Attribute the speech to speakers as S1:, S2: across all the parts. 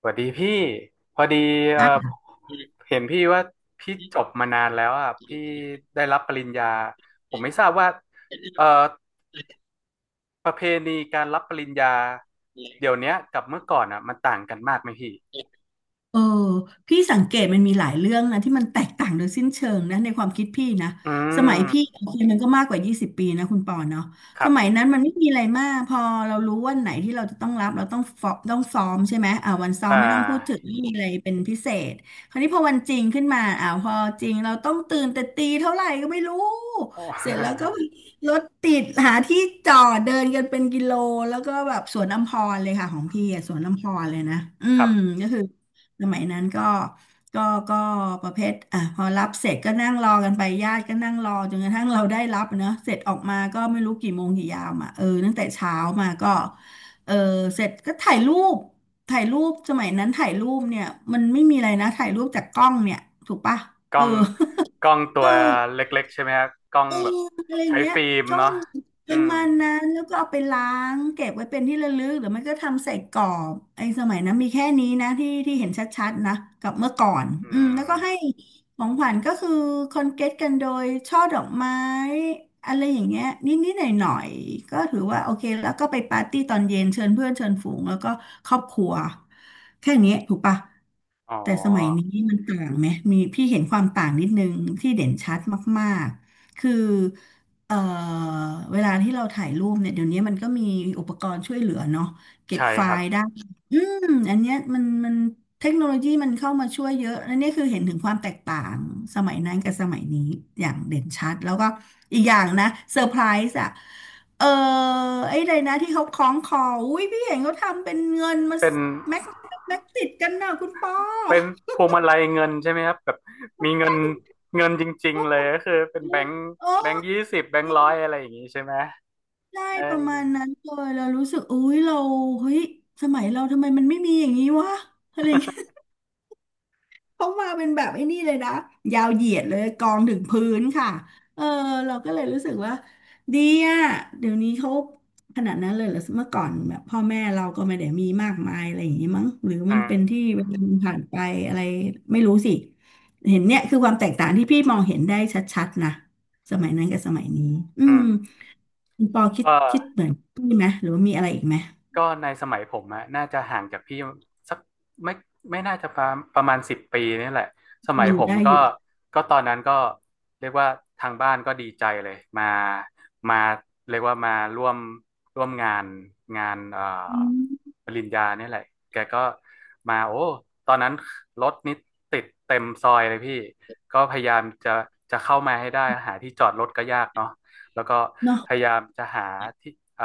S1: สวัสดีพี่พอดีเอ่อ
S2: อ่
S1: เห็นพี่ว่าพี่จบมานานแล้วอ่ะพี่ได้รับปริญญาผมไม่ทราบว่าเอ่อประเพณีการรับปริญญาเดี๋ยวเนี้ยกับเมื่อก่อนอ่ะมันต่างกันมากไหมพี่
S2: ะ เออพี่สังเกตมันมีหลายเรื่องนะที่มันแตกต่างโดยสิ้นเชิงนะในความคิดพี่นะ
S1: อื
S2: สมัยพี่
S1: ม
S2: โอเคมันก็มากกว่า20ปีนะคุณปอเนาะ
S1: ค
S2: ส
S1: รั
S2: มัย
S1: บ
S2: นั้นมันไม่มีอะไรมากพอเรารู้วันไหนที่เราจะต้องรับเราต้องฟอต้องซ้อมใช่ไหมอ่าวันซ้อ
S1: อ่
S2: มไม่ต้องพูดถึง
S1: า
S2: ไม่มีอะไรเป็นพิเศษคราวนี้พอวันจริงขึ้นมาพอจริงเราต้องตื่นแต่ตีเท่าไหร่ก็ไม่รู้
S1: โอ้
S2: เสร็จแล้วก็รถติดหาที่จอดเดินกันเป็นกิโลแล้วก็แบบสวนอัมพรเลยค่ะของพี่อะสวนอัมพรเลยนะอื
S1: ครั
S2: ม
S1: บ
S2: ก็คือ สมัยนั้นก็ก็ประเภทอ่ะพอรับเสร็จก็นั่งรอกันไปญาติก็นั่งรอจนกระทั่งเราได้รับเนอะเสร็จออกมาก็ไม่รู้กี่โมงกี่ยามอ่ะเออตั้งแต่เช้ามาก็เออเสร็จก็ถ่ายรูปถ่ายรูปสมัยนั้นถ่ายรูปเนี่ยมันไม่มีอะไรนะถ่ายรูปจากกล้องเนี่ยถูกปะ
S1: ก
S2: เอ
S1: ล้
S2: อ
S1: องกล้อง ตั
S2: เออ
S1: วเล็กๆใช่ไหมฮะกล้องแบบ
S2: อะไรอย่า
S1: ใช้
S2: งเงี้ย
S1: ฟิล์ม
S2: จ้อ
S1: เนาะ
S2: งป
S1: อื
S2: ระ
S1: ม
S2: มาณนั้นแล้วก็เอาไปล้างเก็บไว้เป็นที่ระลึกหรือไม่ก็ทำใส่กรอบไอ้สมัยนั้นมีแค่นี้นะที่ที่เห็นชัดๆนะกับเมื่อก่อน
S1: อื
S2: อืมแล้วก็
S1: ม
S2: ให้ของขวัญก็คือคอนเกตกันโดยช่อดอกไม้อะไรอย่างเงี้ยนิดๆหน่อยๆก็ถือว่าโอเคแล้วก็ไปปาร์ตี้ตอนเย็นเชิญเพื่อนเชิญฝูงแล้วก็ครอบครัวแค่นี้ถูกปะ
S1: อ๋อ
S2: แต่สมัยนี้มันต่างไหมมีพี่เห็นความต่างนิดนึงที่เด่นชัดมากๆคือ เอ่อเวลาที่เราถ่ายรูปเนี่ยเดี๋ยวนี้มันก็มีอุปกรณ์ช่วยเหลือเนาะเก็บ
S1: ใช่
S2: ไฟ
S1: ครับ
S2: ล์ได้อืมอันเนี้ยมันเทคโนโลยีมันเข้ามาช่วยเยอะอันนี้คือเห็นถึงความแตกต่างสมัยนั้นกับสมัยนี้อย่างเด่นชัดแล้วก็อีกอย่างนะเซอร์ไพรส์อ่ะเออไอ้ใดนะที่เขาคล้องคออุ้ยพี่เห็นเขาทำเป็นเงินมา
S1: เป็น
S2: แม็กแม็กติดกันนะคุณปอ
S1: เป็นพวงมาลัยเงินใช่ไหมครับแบบมีเงินเงินจริง
S2: โอ้
S1: ๆเลยก็คือเป็นแบงค์
S2: โอ้
S1: แบงค์20แบงค์ร้อยอะไรอย่างงี้ใช่ไหม
S2: ใช่
S1: เ
S2: ประมาณ
S1: อ
S2: นั้นเลยเรารู้สึกอุ้ยเราเฮ้ยสมัยเราทำไมมันไม่มีอย่างนี้วะอะไรเงี้ย เขามาเป็นแบบไอ้นี่เลยนะยาวเหยียดเลยกองถึงพื้นค่ะเออเราก็เลยรู้สึกว่าดีอะเดี๋ยวนี้เขาขนาดนั้นเลยเหรอเมื่อก่อนแบบพ่อแม่เราก็ไม่ได้มีมากมายอะไรอย่างนี้มั้งหรือ
S1: ออื
S2: มันเป็นที่
S1: ม
S2: เวลามันผ่านไปอะไรไม่รู้สิเห็นเนี่ยคือความแตกต่างที่พี่มองเห็นได้ชัดๆนะสมัยนั้นกับสมัยนี้อื
S1: อื
S2: ม
S1: ม
S2: คุณปอคิด
S1: ก็
S2: คิดเหมือนพี่ไหมหรือว่ามีอะไรอีกไหม
S1: ก็ในสมัยผมอะน่าจะห่างจากพี่สักไม่ไม่น่าจะประมาณ10 ปีนี่แหละส
S2: อื
S1: มัย
S2: ม
S1: ผม
S2: ได้
S1: ก็
S2: อยู่
S1: ก็ตอนนั้นก็เรียกว่าทางบ้านก็ดีใจเลยมาเรียกว่ามาร่วมร่วมงาน
S2: อืม
S1: ปริญญาเนี่ยแหละแกก็มาโอ้ตอนนั้นรถนี่ติดเต็มซอยเลยพี่ก็พยายามจะเข้ามาให้ได้หาที่จอดรถก็ยากเนาะ แล้วก็
S2: เนาะ
S1: พยายามจะหาที่อ่า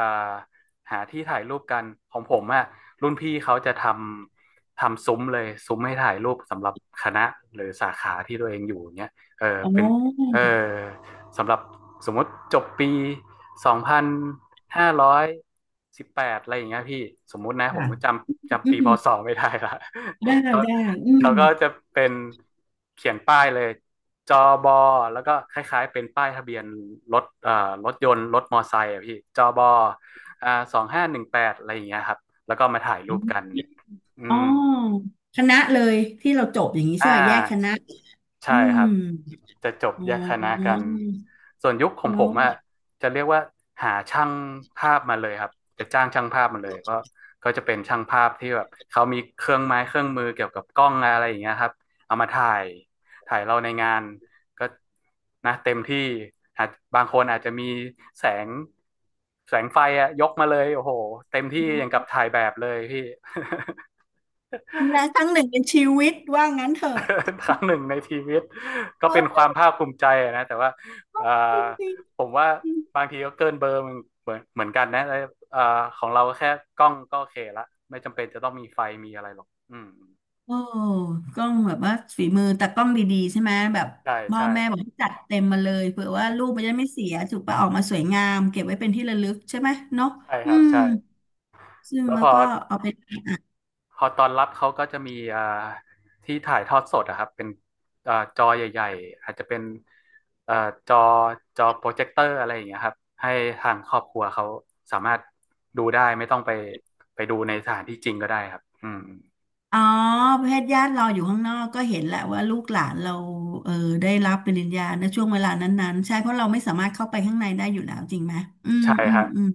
S1: หาที่ถ่ายรูปกันของผมอะรุ่นพี่เขาจะทำซุ้มเลยซุ้มให้ถ่ายรูปสำหรับคณะหรือสาขาที่ตัวเองอยู่เนี้ยเออ
S2: อ๋อ
S1: เป็นเออสำหรับสมมติจบปี2518อะไรอย่างเงี้ยพี่สมมุตินะผม
S2: ค่ะ
S1: จำ
S2: อื
S1: จำปี
S2: ม
S1: พศไม่ได้ละ
S2: ได้ เล
S1: เขา
S2: ยได้อืม
S1: เขาก็จะเป็นเขียนป้ายเลยจอบอแล้วก็คล้ายๆเป็นป้ายทะเบียนรถรถยนต์รถมอไซค์อะพี่จอบอ2518อะไรอย่างเงี้ยครับแล้วก็มาถ่ายรูปกันอื
S2: อ๋อ
S1: ม
S2: คณะเลยที่เราจบอย่างนี้
S1: อ่
S2: ใช่ไหมแยกคณะ
S1: าใช่
S2: อื
S1: ค
S2: ม
S1: รับจะจบ
S2: อ๋
S1: แยกคณะกั
S2: อ
S1: นส่วนยุคของผ
S2: แล้ว
S1: มอะจะเรียกว่าหาช่างภาพมาเลยครับจะจ้างช่างภาพมาเลยก็จะเป็นช่างภาพที่แบบเขามีเครื่องไม้เครื่องมือเกี่ยวกับกล้องอะไรอย่างเงี้ยครับเอามาถ่ายเราในงานก็นะเต็มที่อาจบางคนอาจจะมีแสงแสงไฟอะยกมาเลยโอ้โหเต็มที่อย่างกับถ่ายแบบเลยพี่
S2: นะครั้งหนึ่งในชีวิตว่างั้นเถอะ
S1: ครั้งหนึ่งในชีวิตก็เป็นค
S2: เออ
S1: วามภาคภูมิใจนะแต่ว่า
S2: จริงๆ
S1: ผมว่าบางทีก็เกินเบอร์เหมือนกันนะแ่ของเราแค่กล้องก็โอเคละไม่จำเป็นจะต้องมีไฟมีอะไรหรอกอืม
S2: โอ้กล้องแบบว่าฝีมือแต่กล้องดีๆใช่ไหมแบบ
S1: ใช่
S2: พ่อ
S1: ใช่
S2: แม่บอกให้จัดเต็มมาเลยเผื่อว่ารูปมันจะไม่เสียถูกปะออกมาสวยงามเก็บไว้เป็นที่ระลึกใช่ไหมเนาะ
S1: ใช่ค
S2: อื
S1: รับ
S2: ม
S1: ใช่
S2: ซึ่ง
S1: แล้ว
S2: แล้
S1: พ
S2: ว
S1: อ
S2: ก็เอาไป
S1: พอตอนรับเขาก็จะมีที่ถ่ายทอดสดอะครับเป็นจอใหญ่ๆอาจจะเป็นอ่าจอจอโปรเจคเตอร์อะไรอย่างเงี้ยครับให้ทางครอบครัวเขาสามารถดูได้ไม่ต้องไปดูในสถานที่จริงก็ได้ครับอืม
S2: อ๋อประเภทญาติเราอยู่ข้างนอกก็เห็นแหละว่าลูกหลานเราเออได้รับปริญญาในช่วงเวลานั้นๆใช่เพราะเราไม่สามารถเข้าไปข้างในได้อยู่แล้วจริงไหมอืม
S1: ใช่
S2: อื
S1: ค
S2: ม
S1: รับ
S2: อืม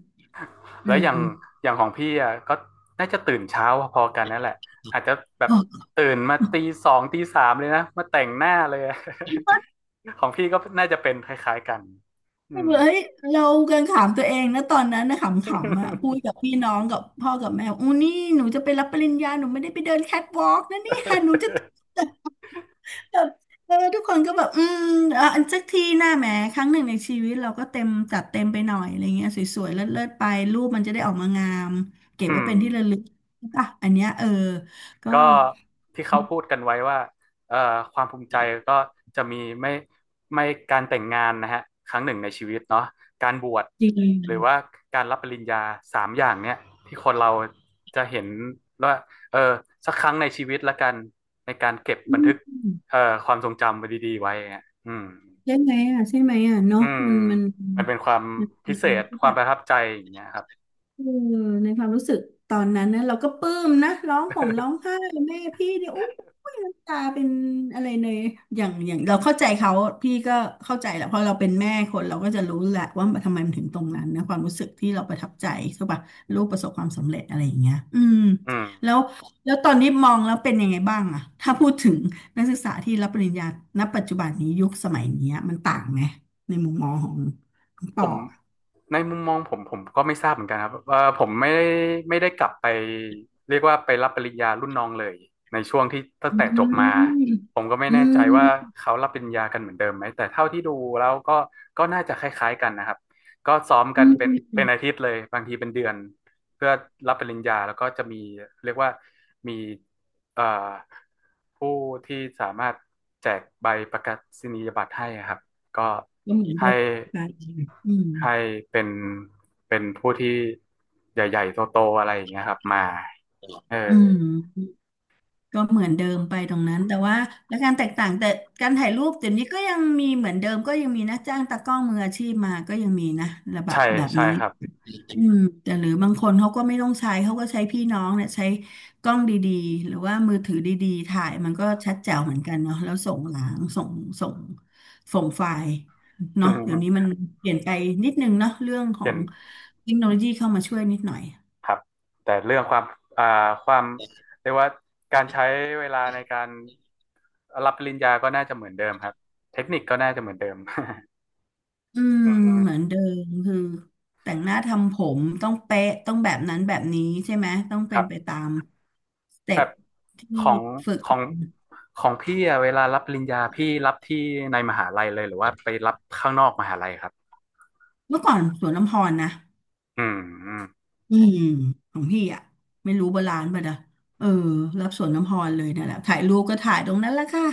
S2: เอ
S1: แล้
S2: อ
S1: วอย่างของพี่อ่ะก็น่าจะตื่นเช้าพอๆกันนั่นแหละอาจจะแบบ
S2: โ
S1: ตื่นมาตีสองตีสามเลยนะมาแต่งหน้าเลยอะ
S2: อ้
S1: ของพี่ก็น่าจะเป็นคล้ายๆกันอื
S2: แบบ
S1: ม
S2: เฮ้ยเรากันขำตัวเองนะตอนนั้นนะขำๆอ่ะพูดกับ พี่น้องกับพ่อกับแม่อู้นี่หนูจะไปรับปริญญาหนูไม่ได้ไปเดินแคทวอล์กนะเนี่ยหนูจะ แบบเออทุกคนก็แบบอืมเอออันสักทีหน้าแหมครั้งหนึ่งในชีวิตเราก็เต็มจัดเต็มไปหน่อยอะไรเงี้ยสวยๆเลิศๆไปรูปมันจะได้ออกมางามเก็บ
S1: อื
S2: ไว้
S1: ม
S2: เป็นที่ระลึกอ่ะอันเนี้ยเออก็
S1: ก็ที่เขาพูดกันไว้ว่าเอ่อความภูมิใจก็จะมีไม่ไม่การแต่งงานนะฮะครั้งหนึ่งในชีวิตเนาะการบวช
S2: จริ
S1: หรือ
S2: ง
S1: ว่าการรับปริญญาสามอย่างเนี้ยที่คนเราจะเห็นว่าเออสักครั้งในชีวิตละกันในการเก็บ
S2: อื
S1: บันทึก
S2: ม
S1: เอ่อความทรงจำไว้ดีๆไว้อะอืม
S2: ใช่ไหมอ่ะใช่ไหมอ่ะเนาะ
S1: อืม
S2: มันมัน
S1: มันเป็นความ
S2: มั
S1: พิเศ
S2: น
S1: ษ
S2: ที่
S1: ค
S2: แบ
S1: วาม
S2: บ
S1: ประทับใจอย่างเงี้ยครับ
S2: เในความรู้สึกตอนนั้นนะเราก็ปลื้มนะร้องห่มร้องไห้แม่พี่เนี่ยโอ้ยน้ำตาเป็นอะไรเลยอย่างอย่างเราเข้าใจเขาพี่ก็เข้าใจแหละเพราะเราเป็นแม่คนเราก็จะรู้แหละว่าทำไมมันถึงตรงนั้นนะความรู้สึกที่เราประทับใจใช่ปะลูกประสบความสำเร็จอะไรอย่างเงี้ยอืม
S1: อืม
S2: แล้วแล้วตอนนี้มองแล้วเป็นยังไงบ้างอะถ้าพูดถึงนักศึกษาที่รับปริญญาณปัจจุบันนี้ยุคสมัยเนี้ยมันต่างไหมในมุมมองของของป
S1: ผ
S2: อ
S1: ม
S2: ะ
S1: ในมุมมองผมก็ไม่ทราบเหมือนกันครับว่าผมไม่ได้กลับไปเรียกว่าไปรับปริญญารุ่นน้องเลยในช่วงที่ตั้ง
S2: อื
S1: แต่จบมา
S2: ม
S1: ผมก็ไม่
S2: อื
S1: แน่ใจว่า
S2: ม
S1: เขารับปริญญากันเหมือนเดิมไหมแต่เท่าที่ดูแล้วก็น่าจะคล้ายๆกันนะครับก็ซ้อมกั
S2: อื
S1: น
S2: ม
S1: เป็น
S2: อืมอื
S1: เป็น
S2: ม
S1: อาทิตย์เลยบางทีเป็นเดือนเพื่อรับปริญญาแล้วก็จะมีเรียกว่ามีเอ่อผู้ที่สามารถแจกใบประกาศนียบัตรให้ครับก็
S2: ก็เหมือนเดิ
S1: ให้
S2: มไปอืม
S1: ให้เป็นเป็นผู้ที่ใหญ่ๆโตๆอะไรอย่างเงี้ยครับมาเออ
S2: อืมก็เหมือนเดิมไปตรงนั้นแต่ว่าและการแตกต่างแต่การถ่ายรูปเดี๋ยวนี้ก็ยังมีเหมือนเดิมก็ยังมีนะจ้างตากล้องมืออาชีพมาก็ยังมีนะระแบบ
S1: ใช่
S2: แบบ
S1: ใช่
S2: นี้
S1: ครับ
S2: อืมแต่หรือบางคนเขาก็ไม่ต้องใช้เขาก็ใช้พี่น้องเนี่ยใช้กล้องดีๆหรือว่ามือถือดีๆถ่ายมันก็ชัดแจ๋วเหมือนกันเนาะแล้วส่งหลังส่งส่งไฟล์
S1: อื
S2: เนาะเดี๋
S1: ม
S2: ยวนี้มันเปลี่ยนไปนิดนึงเนาะเรื่องขอ
S1: เป็
S2: ง
S1: น
S2: เทคโนโลยีเข้ามาช่วยนิดหน่อย
S1: ครับแต่เรื่องอ่าความเรียกว่าการใช้เวลาในการรับปริญญาก็น่าจะเหมือนเดิมครับเทคนิคก็น่าจะเหมือนเดิม
S2: อืม
S1: อืม
S2: เหมือนเดิมคือแต่งหน้าทำผมต้องเป๊ะต้องแบบนั้นแบบนี้ใช่ไหมต้อง
S1: ค
S2: เป็
S1: รั
S2: นไป
S1: บ
S2: ตามสเต็
S1: แบ
S2: ป
S1: บ
S2: ที่
S1: ของ
S2: ฝึก
S1: ของของพี่อะเวลารับปริญญาพี่รับที่ในมหาลัยเลยหรือว่าไปรับข้างนอกมหาลัยครับ
S2: เมื่อก่อนสวนลำพรนะ
S1: อืมอืม
S2: อืมของพี่อ่ะไม่รู้โบราณป่ะนะเออรับสวนน้ำพรเลยนั่นแหละถ่ายรูปก็ถ่ายตรงนั้นแหละค่ะ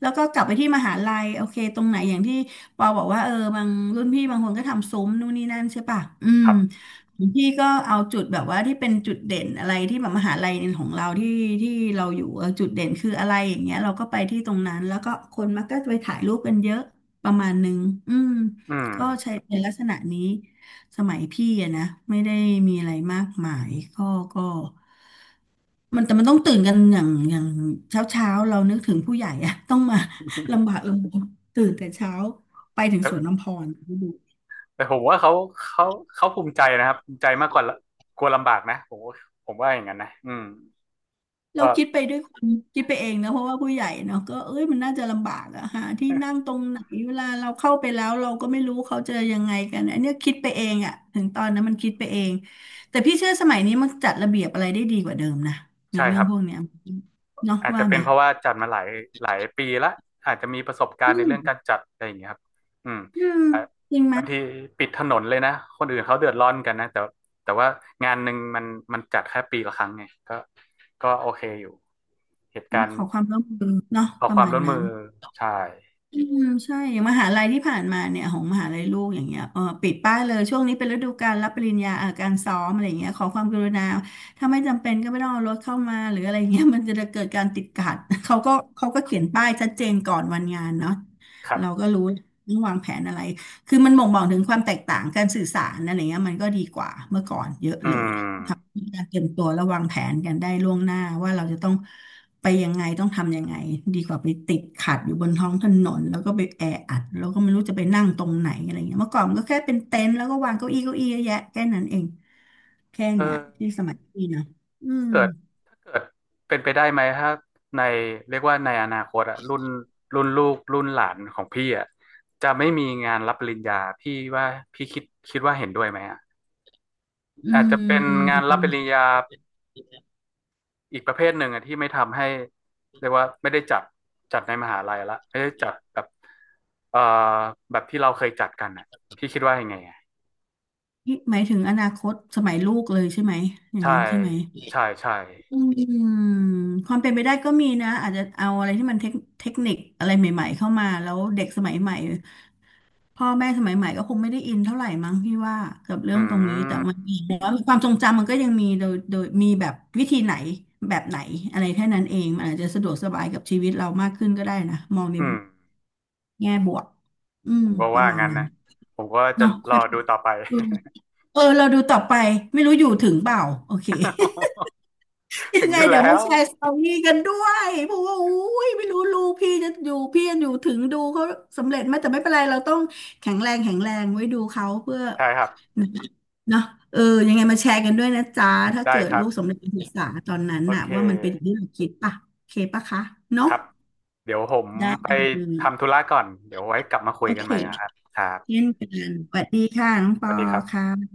S2: แล้วก็กลับไปที่มหาลัยโอเคตรงไหนอย่างที่ปอบอกว่าเออบางรุ่นพี่บางคนก็ทำซุ้มนู่นนี่นั่นใช่ป่ะอื
S1: ค
S2: ม
S1: รับ
S2: ของพี่ก็เอาจุดแบบว่าที่เป็นจุดเด่นอะไรที่แบบมหาลัยของเราที่เราอยู่เออจุดเด่นคืออะไรอย่างเงี้ยเราก็ไปที่ตรงนั้นแล้วก็คนมักก็ไปถ่ายรูปกันเยอะประมาณนึงอืม
S1: อืม
S2: ก็ใช้เป็นลักษณะนี้ สมัยพี่อะนะไม่ได้มีอะไรมากมายก็มันแต่มันต้องตื่นกันอย่างเช้าเช้าเรานึกถึงผู้ใหญ่อะ ต้องมา ลำ บากลำบนตื่นแต่เช้าไปถึง
S1: แล้ว
S2: สวนน้ำพรดู
S1: แต่ผมว่าเขาเขาภูมิใจนะครับภูมิใจมากกว่าละกลัวลำบากนะผมว่าผมว่าอย่างนั้นนะอืม
S2: เรา
S1: ก็
S2: คิดไปด้วยคนคิดไปเองนะเพราะว่าผู้ใหญ่เนาะก็เอ้ยมันน่าจะลำบากอะหาที่นั่งตรงไหนเวลาเราเข้าไปแล้วเราก็ไม่รู้เขาจะยังไงกันอันเนี้ยคิดไปเองอะถึงตอนนั้นมันคิดไปเองแต่พี่เชื่อสมัยนี้มันจัดระเบียบอะไรได้ดีกว่าเดิมนะใน
S1: ใช่
S2: เรื่
S1: ค
S2: อง
S1: รับ
S2: พวกเนี้ยเนาะ
S1: อาจจะ
S2: ว่า
S1: เป็
S2: ไหม
S1: นเพราะว่าจัดมาหลายหลายปีละอาจจะมีประสบการ
S2: อื
S1: ณ์ใน
S2: ม
S1: เรื่องการจัดอะไรอย่างเงี้ยครับอืม
S2: อืม
S1: อ่ะ
S2: จริงไหม
S1: บางทีปิดถนนเลยนะคนอื่นเขาเดือดร้อนกันนะแต่ว่างานหนึ่งมันจัดแค่ปีละครั้งไงก็ก็โอเคอยู่เหตุ
S2: ต้
S1: กา
S2: อง
S1: ร
S2: ข
S1: ณ์
S2: อความร่วมมือเนาะ
S1: ขอ
S2: ป
S1: ค
S2: ระ
S1: วาม
S2: มาณ
S1: ร่วมมื
S2: นั้น
S1: อใช่
S2: อืมใช่อย่างมหาลัยที่ผ่านมาเนี่ยของมหาลัยลูกอย่างเงี้ยเออปิดป้ายเลยช่วงนี้เป็นฤดูการรับปริญญาการซ้อมอะไรเงี้ยขอความกรุณาถ้าไม่จำเป็นก็ไม่ต้องเอารถเข้ามาหรืออะไรเงี้ยมันจะเกิดการติดขัด เขาก็เขียนป้ายชัดเจนก่อนวันงานเนาะ
S1: ครั
S2: เรา
S1: บ
S2: ก็รู้ต้องวางแผนอะไรคือมันบ่งบอกถึงความแตกต่างการสื่อสารอะไรเงี้ยมันก็ดีกว่าเมื่อก่อนเยอะ
S1: อื
S2: เลย
S1: ม
S2: มีการเตรียมตัวและวางแผนกันได้ล่วงหน้าว่าเราจะต้องไปยังไงต้องทำยังไงดีกว่าไปติดขัดอยู่บนท้องถนนแล้วก็ไปแออัดแล้วก็ไม่รู้จะไปนั่งตรงไหนอะไรเงี้ยเมื่อก่อนมันก็แค่เป็นเต็นท์แล้วก็วางเก้าอี้เก้าอี้เยอะแยะแค่นั้นเองแค่
S1: เอ
S2: เนี้ยที่
S1: อ
S2: สมัยพี่นะอืม
S1: เกิด เกิดเป็นไปได้ไหมถ้าในเรียกว่าในอนาคตอะรุ่นลูกรุ่นหลานของพี่อะจะไม่มีงานรับปริญญาพี่ว่าพี่คิดว่าเห็นด้วยไหมอะ
S2: อื
S1: อาจจะเป็นงาน
S2: ม
S1: รับปริญญาอีกประเภทหนึ่งอะที่ไม่ทำให้เรียกว่าไม่ได้จัดในมหาลัยละไม่ได้จัดแบบเอ่อแบบที่เราเคยจัดกันอะพี่คิดว่ายังไงอะ
S2: นี่หมายถึงอนาคตสมัยลูกเลยใช่ไหมอย่าง
S1: ใช่
S2: นั้นใช่ไหม
S1: ใช่ใช่
S2: อืมความเป็นไปได้ก็มีนะอาจจะเอาอะไรที่มันเทคนิคอะไรใหม่ๆเข้ามาแล้วเด็กสมัยใหม่ พ่อแม่สมัยใหม่ก็คงไม่ได้อินเท่าไหร่มั้งพี่ว่ากับเรื่อง
S1: อื
S2: ตรงนี้แต่มัน
S1: ม
S2: มีแต่ว่าความทรงจำมันก็ยังมีโดยมีแบบวิธีไหนแบบไหนอะไรแค่นั้นเองมันอาจจะสะดวกสบายกับชีวิตเรามากขึ้นก็ได้นะมองใน
S1: อืม
S2: แง่บวกอื
S1: ผ
S2: ม
S1: มก็
S2: ประ
S1: ว่า
S2: มาณ
S1: งั้น
S2: นั้น
S1: นะผมก็จะ
S2: เนาะ
S1: รอดูต่อไป
S2: ดูเออเราดูต่อไปไม่รู้อยู่ถึงเปล่าโอเค ยั
S1: ถึ
S2: ง
S1: ง
S2: ไง
S1: อยู่
S2: เดี๋ยว
S1: แล้
S2: มา
S1: ว
S2: แชร์สตอรี่กันด้วยเพราะว่าอุ้ยไม่รู้ลูกพี่จะอยู่พี่จะอยู่ถึงดูเขาสำเร็จไหมแต่ไม่เป็นไรเราต้องแข็งแรงไว้ดูเขาเพื่อ
S1: ใช่ครับ
S2: นะเนาะเออยังไงมาแชร์กันด้วยนะจ๊ะถ้า
S1: ได้
S2: เกิด
S1: ครั
S2: ลู
S1: บ
S2: กสำเร็จการศึกษาตอนนั้น
S1: โอ
S2: น่ะ
S1: เค
S2: ว่ามันเป็นอย่างที่เราคิดป่ะโอเคป่ะคะ
S1: ค
S2: เนาะ
S1: รับเดี๋ยวผม
S2: ได้
S1: ไป
S2: เล
S1: ทำ
S2: ย
S1: ธุระก่อนเดี๋ยวไว้กลับมาคุย
S2: โอ
S1: กั
S2: เค
S1: นใหม่นะครับครับ
S2: เช่นกันสวัสดีค่ะน้องป
S1: ส
S2: อ
S1: วัสดีครับ
S2: ค่ะ